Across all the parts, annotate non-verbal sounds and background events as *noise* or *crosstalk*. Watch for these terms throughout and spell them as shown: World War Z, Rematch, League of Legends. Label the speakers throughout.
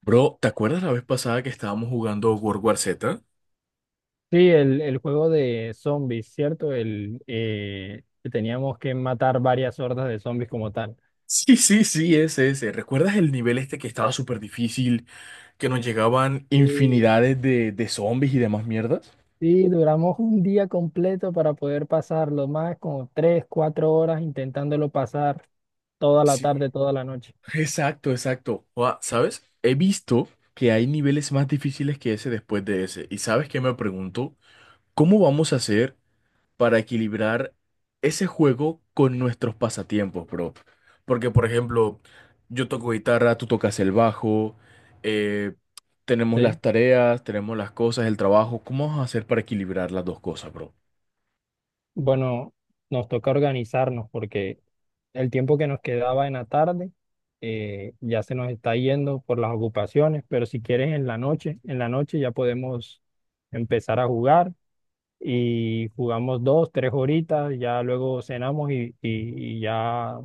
Speaker 1: Bro, ¿te acuerdas la vez pasada que estábamos jugando World War Z?
Speaker 2: Sí, el juego de zombies, ¿cierto? El que teníamos que matar varias hordas de zombies como tal.
Speaker 1: Sí, sí, sí, ese, ese. ¿Recuerdas el nivel este que estaba súper difícil, que nos llegaban
Speaker 2: Sí,
Speaker 1: infinidades de zombies y demás mierdas?
Speaker 2: sí, duramos un día completo para poder pasarlo, más como 3, 4 horas intentándolo pasar toda la
Speaker 1: Sí,
Speaker 2: tarde, toda la noche.
Speaker 1: exacto, exacto. Ua, ¿sabes? He visto que hay niveles más difíciles que ese después de ese. ¿Y sabes qué me pregunto? ¿Cómo vamos a hacer para equilibrar ese juego con nuestros pasatiempos, bro? Porque, por ejemplo, yo toco guitarra, tú tocas el bajo, eh, tenemos las
Speaker 2: Sí.
Speaker 1: tareas, tenemos las cosas, el trabajo. ¿Cómo vamos a hacer para equilibrar las dos cosas, bro?
Speaker 2: Bueno, nos toca organizarnos porque el tiempo que nos quedaba en la tarde ya se nos está yendo por las ocupaciones, pero si quieres en la noche ya podemos empezar a jugar y jugamos 2, 3 horitas, ya luego cenamos y ya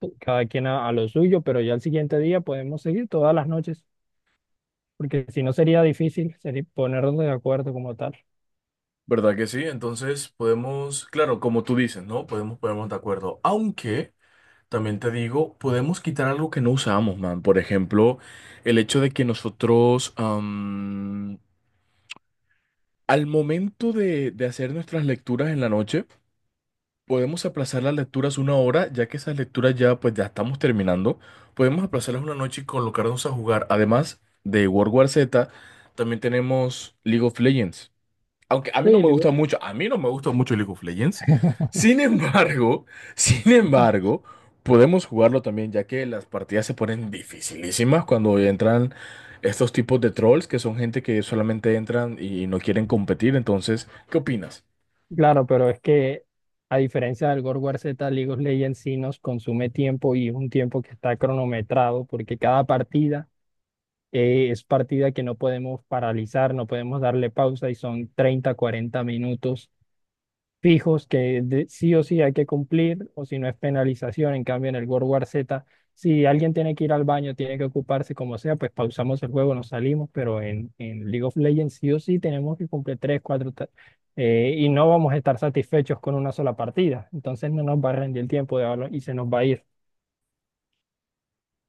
Speaker 2: cada quien a lo suyo, pero ya el siguiente día podemos seguir todas las noches, porque si no sería difícil, sería ponernos de acuerdo como tal.
Speaker 1: ¿Verdad que sí? Entonces podemos, claro, como tú dices, ¿no? Podemos ponernos de acuerdo. Aunque, también te digo, podemos quitar algo que no usamos, man. Por ejemplo, el hecho de que nosotros, al momento de hacer nuestras lecturas en la noche. Podemos aplazar las lecturas una hora, ya que esas lecturas ya pues ya estamos terminando. Podemos aplazarlas una noche y colocarnos a jugar. Además de World War Z, también tenemos League of Legends. Aunque a mí no
Speaker 2: Sí,
Speaker 1: me gusta
Speaker 2: le-
Speaker 1: mucho, a mí no me gusta mucho League of Legends. Sin embargo, *laughs* sin embargo, podemos jugarlo también, ya que las partidas se ponen dificilísimas cuando entran estos tipos de trolls, que son gente que solamente entran y no quieren competir. Entonces, ¿qué opinas?
Speaker 2: claro, pero es que a diferencia del God of War Z, League of Legends sí nos consume tiempo, y es un tiempo que está cronometrado, porque cada partida, es partida que no podemos paralizar, no podemos darle pausa, y son 30 40 minutos fijos que sí o sí hay que cumplir, o si no es penalización. En cambio, en el World War Z, si alguien tiene que ir al baño, tiene que ocuparse como sea, pues pausamos el juego, nos salimos, pero en League of Legends sí o sí tenemos que cumplir 3, 4, y no vamos a estar satisfechos con una sola partida. Entonces no nos va a rendir el tiempo de hablar y se nos va a ir.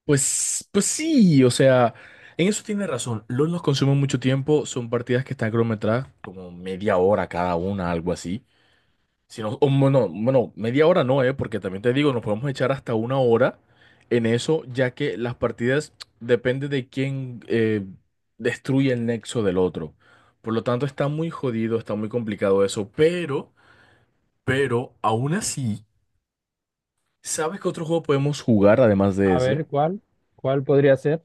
Speaker 1: Pues sí, o sea, en eso tiene razón. LOL nos consume mucho tiempo, son partidas que están cronometradas como media hora cada una, algo así. Si no, o bueno, bueno, media hora no, porque también te digo, nos podemos echar hasta una hora en eso, ya que las partidas depende de quién destruye el nexo del otro. Por lo tanto, está muy jodido, está muy complicado eso, pero, aún así, ¿sabes qué otro juego podemos jugar además de
Speaker 2: A
Speaker 1: ese?
Speaker 2: ver, ¿cuál? ¿Cuál podría ser?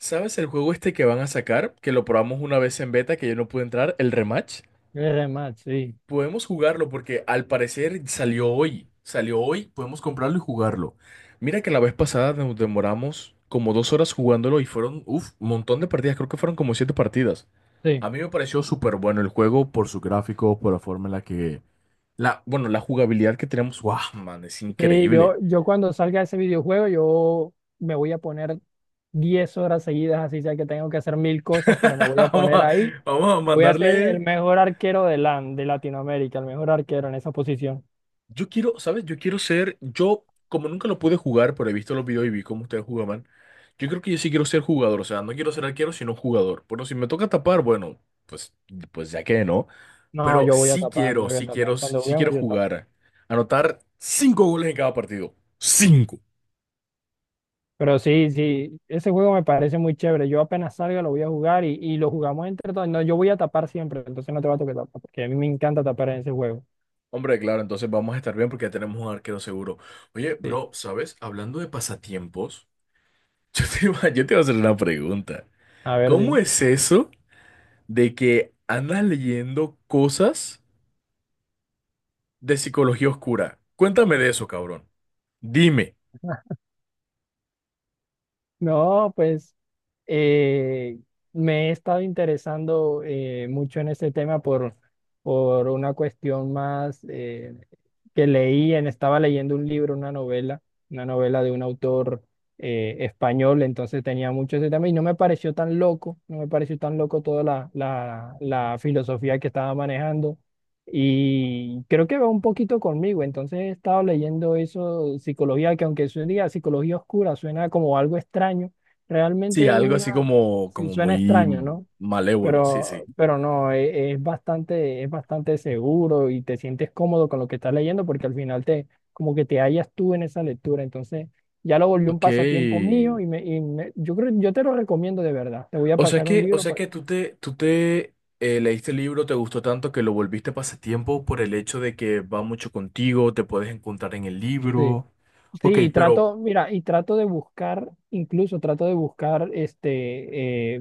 Speaker 1: ¿Sabes el juego este que van a sacar? Que lo probamos una vez en beta, que yo no pude entrar, el Rematch.
Speaker 2: El rematch, sí,
Speaker 1: Podemos jugarlo porque al parecer salió hoy. Salió hoy, podemos comprarlo y jugarlo. Mira que la vez pasada nos demoramos como 2 horas jugándolo y fueron, uff, un montón de partidas. Creo que fueron como siete partidas.
Speaker 2: sí.
Speaker 1: A mí me pareció súper bueno el juego por su gráfico, por la forma en la que... La jugabilidad que tenemos, wow, man, es
Speaker 2: Sí, yo,
Speaker 1: increíble.
Speaker 2: yo cuando salga ese videojuego, yo me voy a poner 10 horas seguidas, así sea que tengo que hacer mil cosas, pero me
Speaker 1: *laughs*
Speaker 2: voy a
Speaker 1: Vamos
Speaker 2: poner
Speaker 1: a,
Speaker 2: ahí
Speaker 1: vamos a
Speaker 2: y voy a ser
Speaker 1: mandarle.
Speaker 2: el mejor arquero de LAN, de Latinoamérica, el mejor arquero en esa posición.
Speaker 1: Yo quiero, ¿sabes? Yo como nunca lo pude jugar, pero he visto los videos y vi cómo ustedes jugaban, yo creo que yo sí quiero ser jugador, o sea, no quiero ser arquero, sino jugador. Bueno, si me toca tapar, bueno, pues, pues ya que no,
Speaker 2: No,
Speaker 1: pero
Speaker 2: yo voy a
Speaker 1: sí
Speaker 2: tapar, yo
Speaker 1: quiero,
Speaker 2: voy a
Speaker 1: sí quiero,
Speaker 2: tapar. Cuando
Speaker 1: sí quiero
Speaker 2: juguemos, yo tapo.
Speaker 1: jugar, anotar cinco goles en cada partido. Cinco.
Speaker 2: Pero sí, sí, ese juego me parece muy chévere. Yo apenas salga lo voy a jugar, y lo jugamos entre todos. No, yo voy a tapar siempre, entonces no te va a tocar tapar, porque a mí me encanta tapar en ese juego.
Speaker 1: Hombre, claro, entonces vamos a estar bien porque ya tenemos un arquero seguro. Oye,
Speaker 2: Sí.
Speaker 1: bro, ¿sabes? Hablando de pasatiempos, *laughs* yo te iba a hacer una pregunta.
Speaker 2: A ver,
Speaker 1: ¿Cómo
Speaker 2: dime.
Speaker 1: es eso de que andas leyendo cosas de psicología oscura? Cuéntame de eso, cabrón. Dime.
Speaker 2: No, pues eh, me he estado interesando mucho en este tema por una cuestión más, que leí, estaba leyendo un libro, una novela de un autor español. Entonces tenía mucho ese tema y no me pareció tan loco, no me pareció tan loco toda la filosofía que estaba manejando, y creo que va un poquito conmigo. Entonces he estado leyendo eso, psicología, que aunque suena psicología oscura, suena como algo extraño.
Speaker 1: Sí,
Speaker 2: Realmente
Speaker 1: algo
Speaker 2: una,
Speaker 1: así como,
Speaker 2: sí,
Speaker 1: como
Speaker 2: suena
Speaker 1: muy
Speaker 2: extraño, ¿no?
Speaker 1: malévolo, sí,
Speaker 2: Pero,
Speaker 1: sí.
Speaker 2: pero no, es bastante seguro y te sientes cómodo con lo que estás leyendo, porque al final como que te hallas tú en esa lectura. Entonces ya lo volvió un
Speaker 1: Ok.
Speaker 2: pasatiempo mío, yo creo, yo te lo recomiendo de verdad. Te voy a pasar un
Speaker 1: O
Speaker 2: libro.
Speaker 1: sea que tú te leíste el libro, te gustó tanto que lo volviste pasatiempo por el hecho de que va mucho contigo, te puedes encontrar en el
Speaker 2: Sí,
Speaker 1: libro.
Speaker 2: sí,
Speaker 1: Ok, pero.
Speaker 2: mira, y trato de buscar, incluso trato de buscar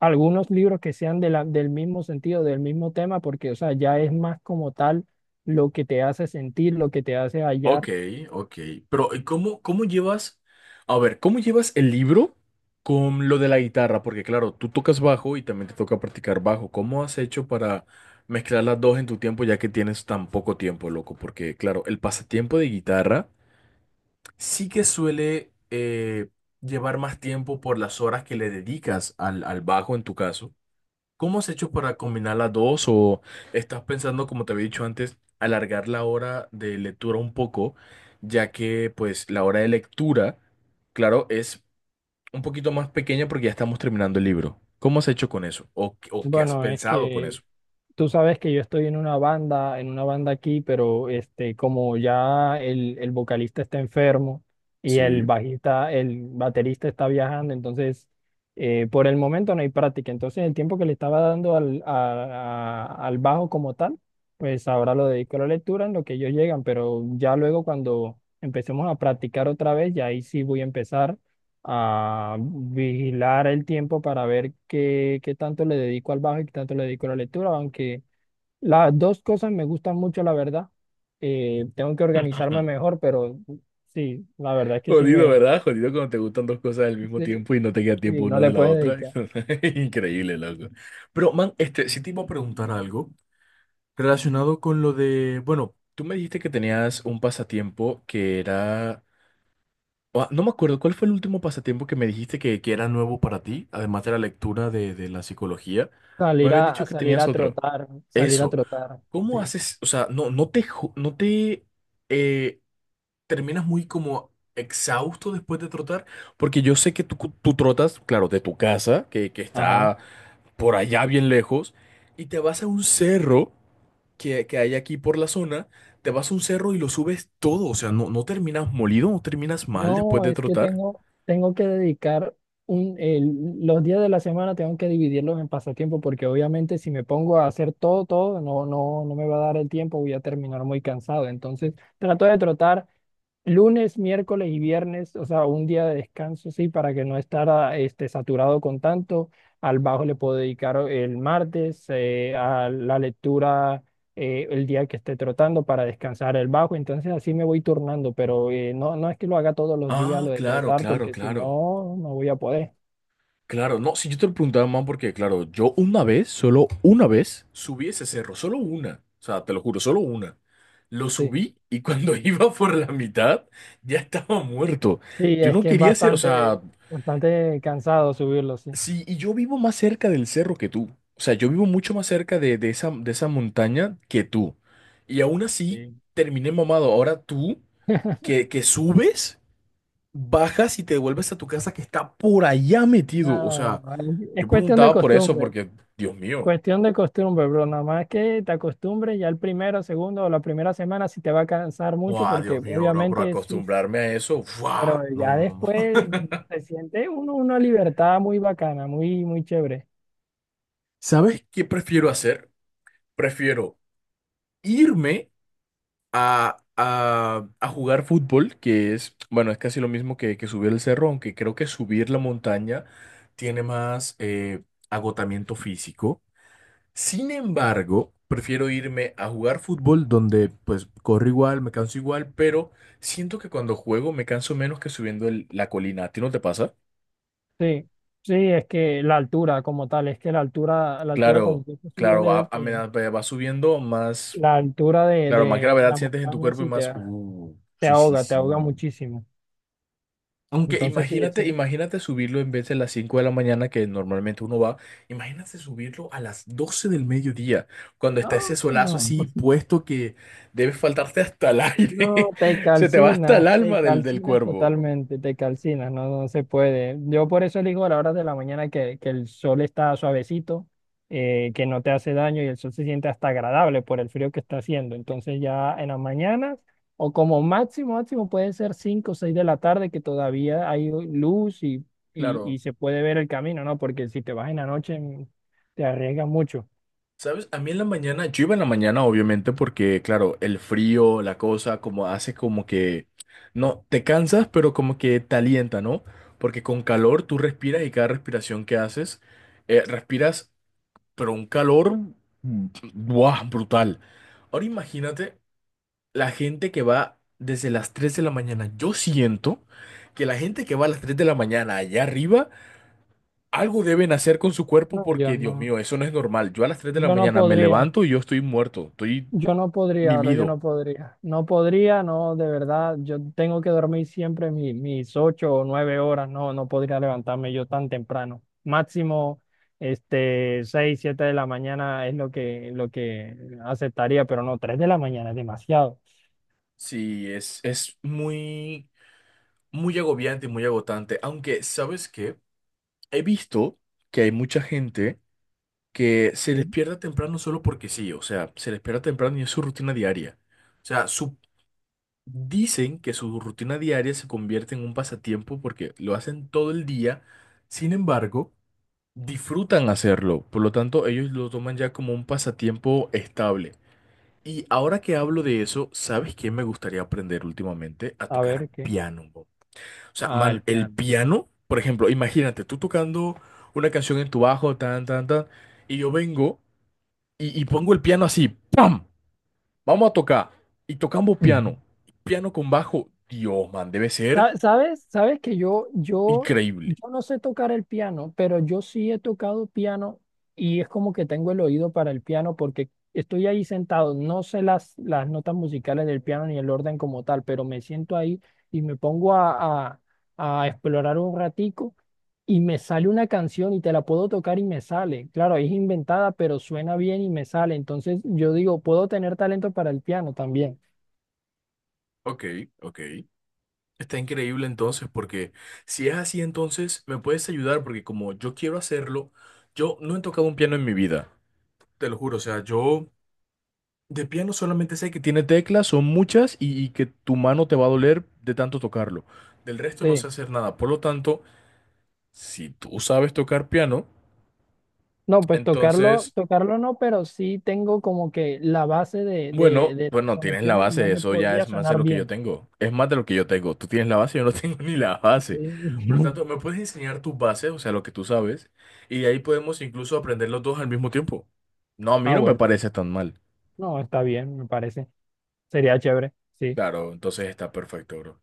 Speaker 2: algunos libros que sean del mismo sentido, del mismo tema, porque, o sea, ya es más como tal lo que te hace sentir, lo que te hace
Speaker 1: Ok,
Speaker 2: hallar.
Speaker 1: ok. Pero, ¿y ¿cómo llevas, a ver, cómo llevas el libro con lo de la guitarra? Porque claro, tú tocas bajo y también te toca practicar bajo. ¿Cómo has hecho para mezclar las dos en tu tiempo ya que tienes tan poco tiempo, loco? Porque claro, el pasatiempo de guitarra sí que suele llevar más tiempo por las horas que le dedicas al bajo en tu caso. ¿Cómo has hecho para combinar las dos? ¿O estás pensando, como te había dicho antes, alargar la hora de lectura un poco, ya que pues la hora de lectura, claro, es un poquito más pequeña porque ya estamos terminando el libro? ¿Cómo has hecho con eso? ¿O, qué has
Speaker 2: Bueno, es
Speaker 1: pensado con
Speaker 2: que
Speaker 1: eso?
Speaker 2: tú sabes que yo estoy en una banda aquí, pero como ya el vocalista está enfermo y el
Speaker 1: Sí.
Speaker 2: bajista, el baterista está viajando, entonces por el momento no hay práctica. Entonces el tiempo que le estaba dando al bajo como tal, pues ahora lo dedico a la lectura en lo que ellos llegan, pero ya luego cuando empecemos a practicar otra vez, ya ahí sí voy a empezar a vigilar el tiempo para ver qué, qué tanto le dedico al bajo y qué tanto le dedico a la lectura, aunque las dos cosas me gustan mucho, la verdad. Tengo que organizarme
Speaker 1: *laughs*
Speaker 2: mejor, pero sí, la verdad es que
Speaker 1: Jodido, ¿verdad? Jodido cuando te gustan dos cosas al mismo
Speaker 2: sí,
Speaker 1: tiempo y no te queda tiempo
Speaker 2: sí, no
Speaker 1: una
Speaker 2: le
Speaker 1: de la
Speaker 2: puedes
Speaker 1: otra.
Speaker 2: dedicar.
Speaker 1: *laughs* Increíble, loco. Pero, man, este, sí te iba a preguntar algo. Relacionado con lo de, bueno, tú me dijiste que tenías un pasatiempo que era, ah, no me acuerdo, ¿cuál fue el último pasatiempo que me dijiste que era nuevo para ti, además de la lectura de la psicología? Me
Speaker 2: Salir
Speaker 1: habías
Speaker 2: a,
Speaker 1: dicho
Speaker 2: a
Speaker 1: que
Speaker 2: salir
Speaker 1: tenías
Speaker 2: a
Speaker 1: otro.
Speaker 2: trotar, salir a
Speaker 1: Eso,
Speaker 2: trotar.
Speaker 1: ¿cómo
Speaker 2: Sí.
Speaker 1: haces? O sea, no, no te eh, terminas muy como exhausto después de trotar, porque yo sé que tú trotas, claro, de tu casa, que
Speaker 2: Ajá.
Speaker 1: está por allá bien lejos, y te vas a un cerro que hay aquí por la zona, te vas a un cerro y lo subes todo, o sea, no, no terminas molido, no terminas mal después
Speaker 2: No,
Speaker 1: de
Speaker 2: es que
Speaker 1: trotar.
Speaker 2: tengo que dedicar los días de la semana, tengo que dividirlos en pasatiempo, porque obviamente si me pongo a hacer todo, todo, no, no, no me va a dar el tiempo, voy a terminar muy cansado. Entonces, trato de trotar. Lunes, miércoles y viernes, o sea, un día de descanso, sí, para que no estar, saturado con tanto. Al bajo le puedo dedicar el martes, a la lectura el día que esté trotando, para descansar el bajo. Entonces así me voy turnando, pero no, no es que lo haga todos los días
Speaker 1: Ah,
Speaker 2: lo de
Speaker 1: claro,
Speaker 2: trotar,
Speaker 1: claro,
Speaker 2: porque si
Speaker 1: claro.
Speaker 2: no, no voy a poder.
Speaker 1: Claro, no, si yo te lo preguntaba más porque, claro, yo una vez, solo una vez, subí ese cerro, solo una, o sea, te lo juro, solo una. Lo
Speaker 2: Sí,
Speaker 1: subí y cuando *laughs* iba por la mitad, ya estaba muerto.
Speaker 2: sí,
Speaker 1: Yo
Speaker 2: es
Speaker 1: no
Speaker 2: que es
Speaker 1: quería hacer, o
Speaker 2: bastante,
Speaker 1: sea.
Speaker 2: bastante cansado subirlo, sí.
Speaker 1: Sí, y yo vivo más cerca del cerro que tú. O sea, yo vivo mucho más cerca de esa montaña que tú. Y aún así,
Speaker 2: Sí.
Speaker 1: terminé mamado. Ahora tú, que subes, bajas y te devuelves a tu casa que está por allá metido. O
Speaker 2: No,
Speaker 1: sea,
Speaker 2: es
Speaker 1: yo
Speaker 2: cuestión de
Speaker 1: preguntaba por eso
Speaker 2: costumbre.
Speaker 1: porque, Dios mío.
Speaker 2: Cuestión de costumbre, bro. Nada más que te acostumbres, ya el primero, segundo o la primera semana, si te va a cansar mucho
Speaker 1: ¡Wow,
Speaker 2: porque
Speaker 1: Dios mío, bro! Por
Speaker 2: obviamente es uf.
Speaker 1: acostumbrarme a eso. ¡Wow!
Speaker 2: Pero ya
Speaker 1: No, no, no. *laughs*
Speaker 2: después se siente uno una libertad muy bacana, muy, muy chévere.
Speaker 1: ¿Sabes qué prefiero hacer? Prefiero irme a jugar fútbol, que es, bueno, es casi lo mismo que subir el cerro, aunque creo que subir la montaña tiene más agotamiento físico. Sin embargo, prefiero irme a jugar fútbol donde pues corro igual, me canso igual, pero siento que cuando juego me canso menos que subiendo la colina. ¿A ti no te pasa?
Speaker 2: Sí, sí, es que la altura como tal, es que la altura cuando
Speaker 1: Claro,
Speaker 2: tú estás subiendo,
Speaker 1: claro, a, a medida que vas subiendo más,
Speaker 2: la altura de, de,
Speaker 1: claro, más
Speaker 2: de
Speaker 1: gravedad
Speaker 2: la
Speaker 1: sientes en tu
Speaker 2: montaña
Speaker 1: cuerpo y
Speaker 2: sí
Speaker 1: más, sí, sí,
Speaker 2: te
Speaker 1: sí.
Speaker 2: ahoga muchísimo.
Speaker 1: Aunque
Speaker 2: Entonces sí,
Speaker 1: imagínate,
Speaker 2: ese.
Speaker 1: imagínate subirlo en vez de las 5 de la mañana que normalmente uno va, imagínate subirlo a las 12 del mediodía, cuando está ese
Speaker 2: No,
Speaker 1: solazo
Speaker 2: no.
Speaker 1: así
Speaker 2: No.
Speaker 1: puesto que debe faltarte hasta el aire,
Speaker 2: No,
Speaker 1: *laughs* se te va hasta el
Speaker 2: te
Speaker 1: alma del
Speaker 2: calcinas
Speaker 1: cuervo.
Speaker 2: totalmente, te calcinas, no, no se puede. Yo por eso elijo a las horas de la mañana, que el sol está suavecito, que no te hace daño y el sol se siente hasta agradable por el frío que está haciendo. Entonces ya en las mañanas, o como máximo, máximo puede ser 5 o 6 de la tarde que todavía hay luz, y, y,
Speaker 1: Claro,
Speaker 2: y se puede ver el camino, ¿no? Porque si te vas en la noche te arriesgas mucho.
Speaker 1: ¿sabes? A mí en la mañana, yo iba en la mañana obviamente porque, claro, el frío, la cosa, como hace como que, no, te cansas, pero como que te alienta, ¿no? Porque con calor tú respiras y cada respiración que haces, respiras pero un calor, ¡buah! Brutal. Ahora imagínate la gente que va desde las 3 de la mañana. Yo siento que la gente que va a las 3 de la mañana allá arriba, algo deben hacer con su cuerpo
Speaker 2: No, yo
Speaker 1: porque, Dios
Speaker 2: no,
Speaker 1: mío, eso no es normal. Yo a las 3 de la
Speaker 2: yo no
Speaker 1: mañana me
Speaker 2: podría.
Speaker 1: levanto y yo estoy muerto, estoy
Speaker 2: Yo no podría, ahora yo no
Speaker 1: mimido.
Speaker 2: podría. No podría, no, de verdad. Yo tengo que dormir siempre mis 8 o 9 horas. No, no podría levantarme yo tan temprano. Máximo, 6, 7 de la mañana es lo que aceptaría, pero no, 3 de la mañana es demasiado.
Speaker 1: Sí, es muy, muy agobiante y muy agotante. Aunque, ¿sabes qué? He visto que hay mucha gente que se les
Speaker 2: Sí.
Speaker 1: pierda temprano solo porque sí, o sea, se les pierda temprano y es su rutina diaria. O sea, dicen que su rutina diaria se convierte en un pasatiempo porque lo hacen todo el día, sin embargo, disfrutan hacerlo, por lo tanto, ellos lo toman ya como un pasatiempo estable. Y ahora que hablo de eso, ¿sabes qué me gustaría aprender últimamente? A
Speaker 2: A
Speaker 1: tocar
Speaker 2: ver qué.
Speaker 1: piano. Bob. O sea,
Speaker 2: Ah,
Speaker 1: man,
Speaker 2: el
Speaker 1: el
Speaker 2: piano.
Speaker 1: piano, por ejemplo, imagínate tú tocando una canción en tu bajo, tan, tan, tan, y yo vengo y pongo el piano así, ¡pam! Vamos a tocar. Y tocamos piano. Piano con bajo. Dios, man, debe ser
Speaker 2: ¿Sabes? ¿Sabes que yo, yo,
Speaker 1: increíble.
Speaker 2: yo no sé tocar el piano, pero yo sí he tocado piano, y es como que tengo el oído para el piano porque estoy ahí sentado, no sé las notas musicales del piano ni el orden como tal, pero me siento ahí y me pongo a explorar un ratico y me sale una canción y te la puedo tocar y me sale? Claro, es inventada, pero suena bien y me sale. Entonces yo digo, puedo tener talento para el piano también.
Speaker 1: Ok, ok. Está increíble entonces, porque si es así, entonces me puedes ayudar, porque como yo quiero hacerlo, yo no he tocado un piano en mi vida. Te lo juro, o sea, yo de piano solamente sé que tiene teclas, son muchas, y que tu mano te va a doler de tanto tocarlo. Del resto no sé
Speaker 2: Sí.
Speaker 1: hacer nada. Por lo tanto, si tú sabes tocar piano,
Speaker 2: No, pues tocarlo,
Speaker 1: entonces.
Speaker 2: tocarlo no, pero sí tengo como que la base de, de,
Speaker 1: Bueno,
Speaker 2: de las
Speaker 1: pues no tienes la
Speaker 2: conexiones en
Speaker 1: base,
Speaker 2: donde
Speaker 1: eso ya
Speaker 2: podría
Speaker 1: es más de
Speaker 2: sonar
Speaker 1: lo que yo
Speaker 2: bien.
Speaker 1: tengo. Es más de lo que yo tengo. Tú tienes la base, yo no *laughs* tengo ni la
Speaker 2: Sí.
Speaker 1: base. Por lo
Speaker 2: *laughs*
Speaker 1: tanto, me puedes enseñar tus bases, o sea, lo que tú sabes, y de ahí podemos incluso aprender los dos al mismo tiempo. No, a mí
Speaker 2: Ah,
Speaker 1: no me
Speaker 2: bueno,
Speaker 1: parece tan mal.
Speaker 2: no, está bien, me parece. Sería chévere, sí.
Speaker 1: Claro, entonces está perfecto, bro.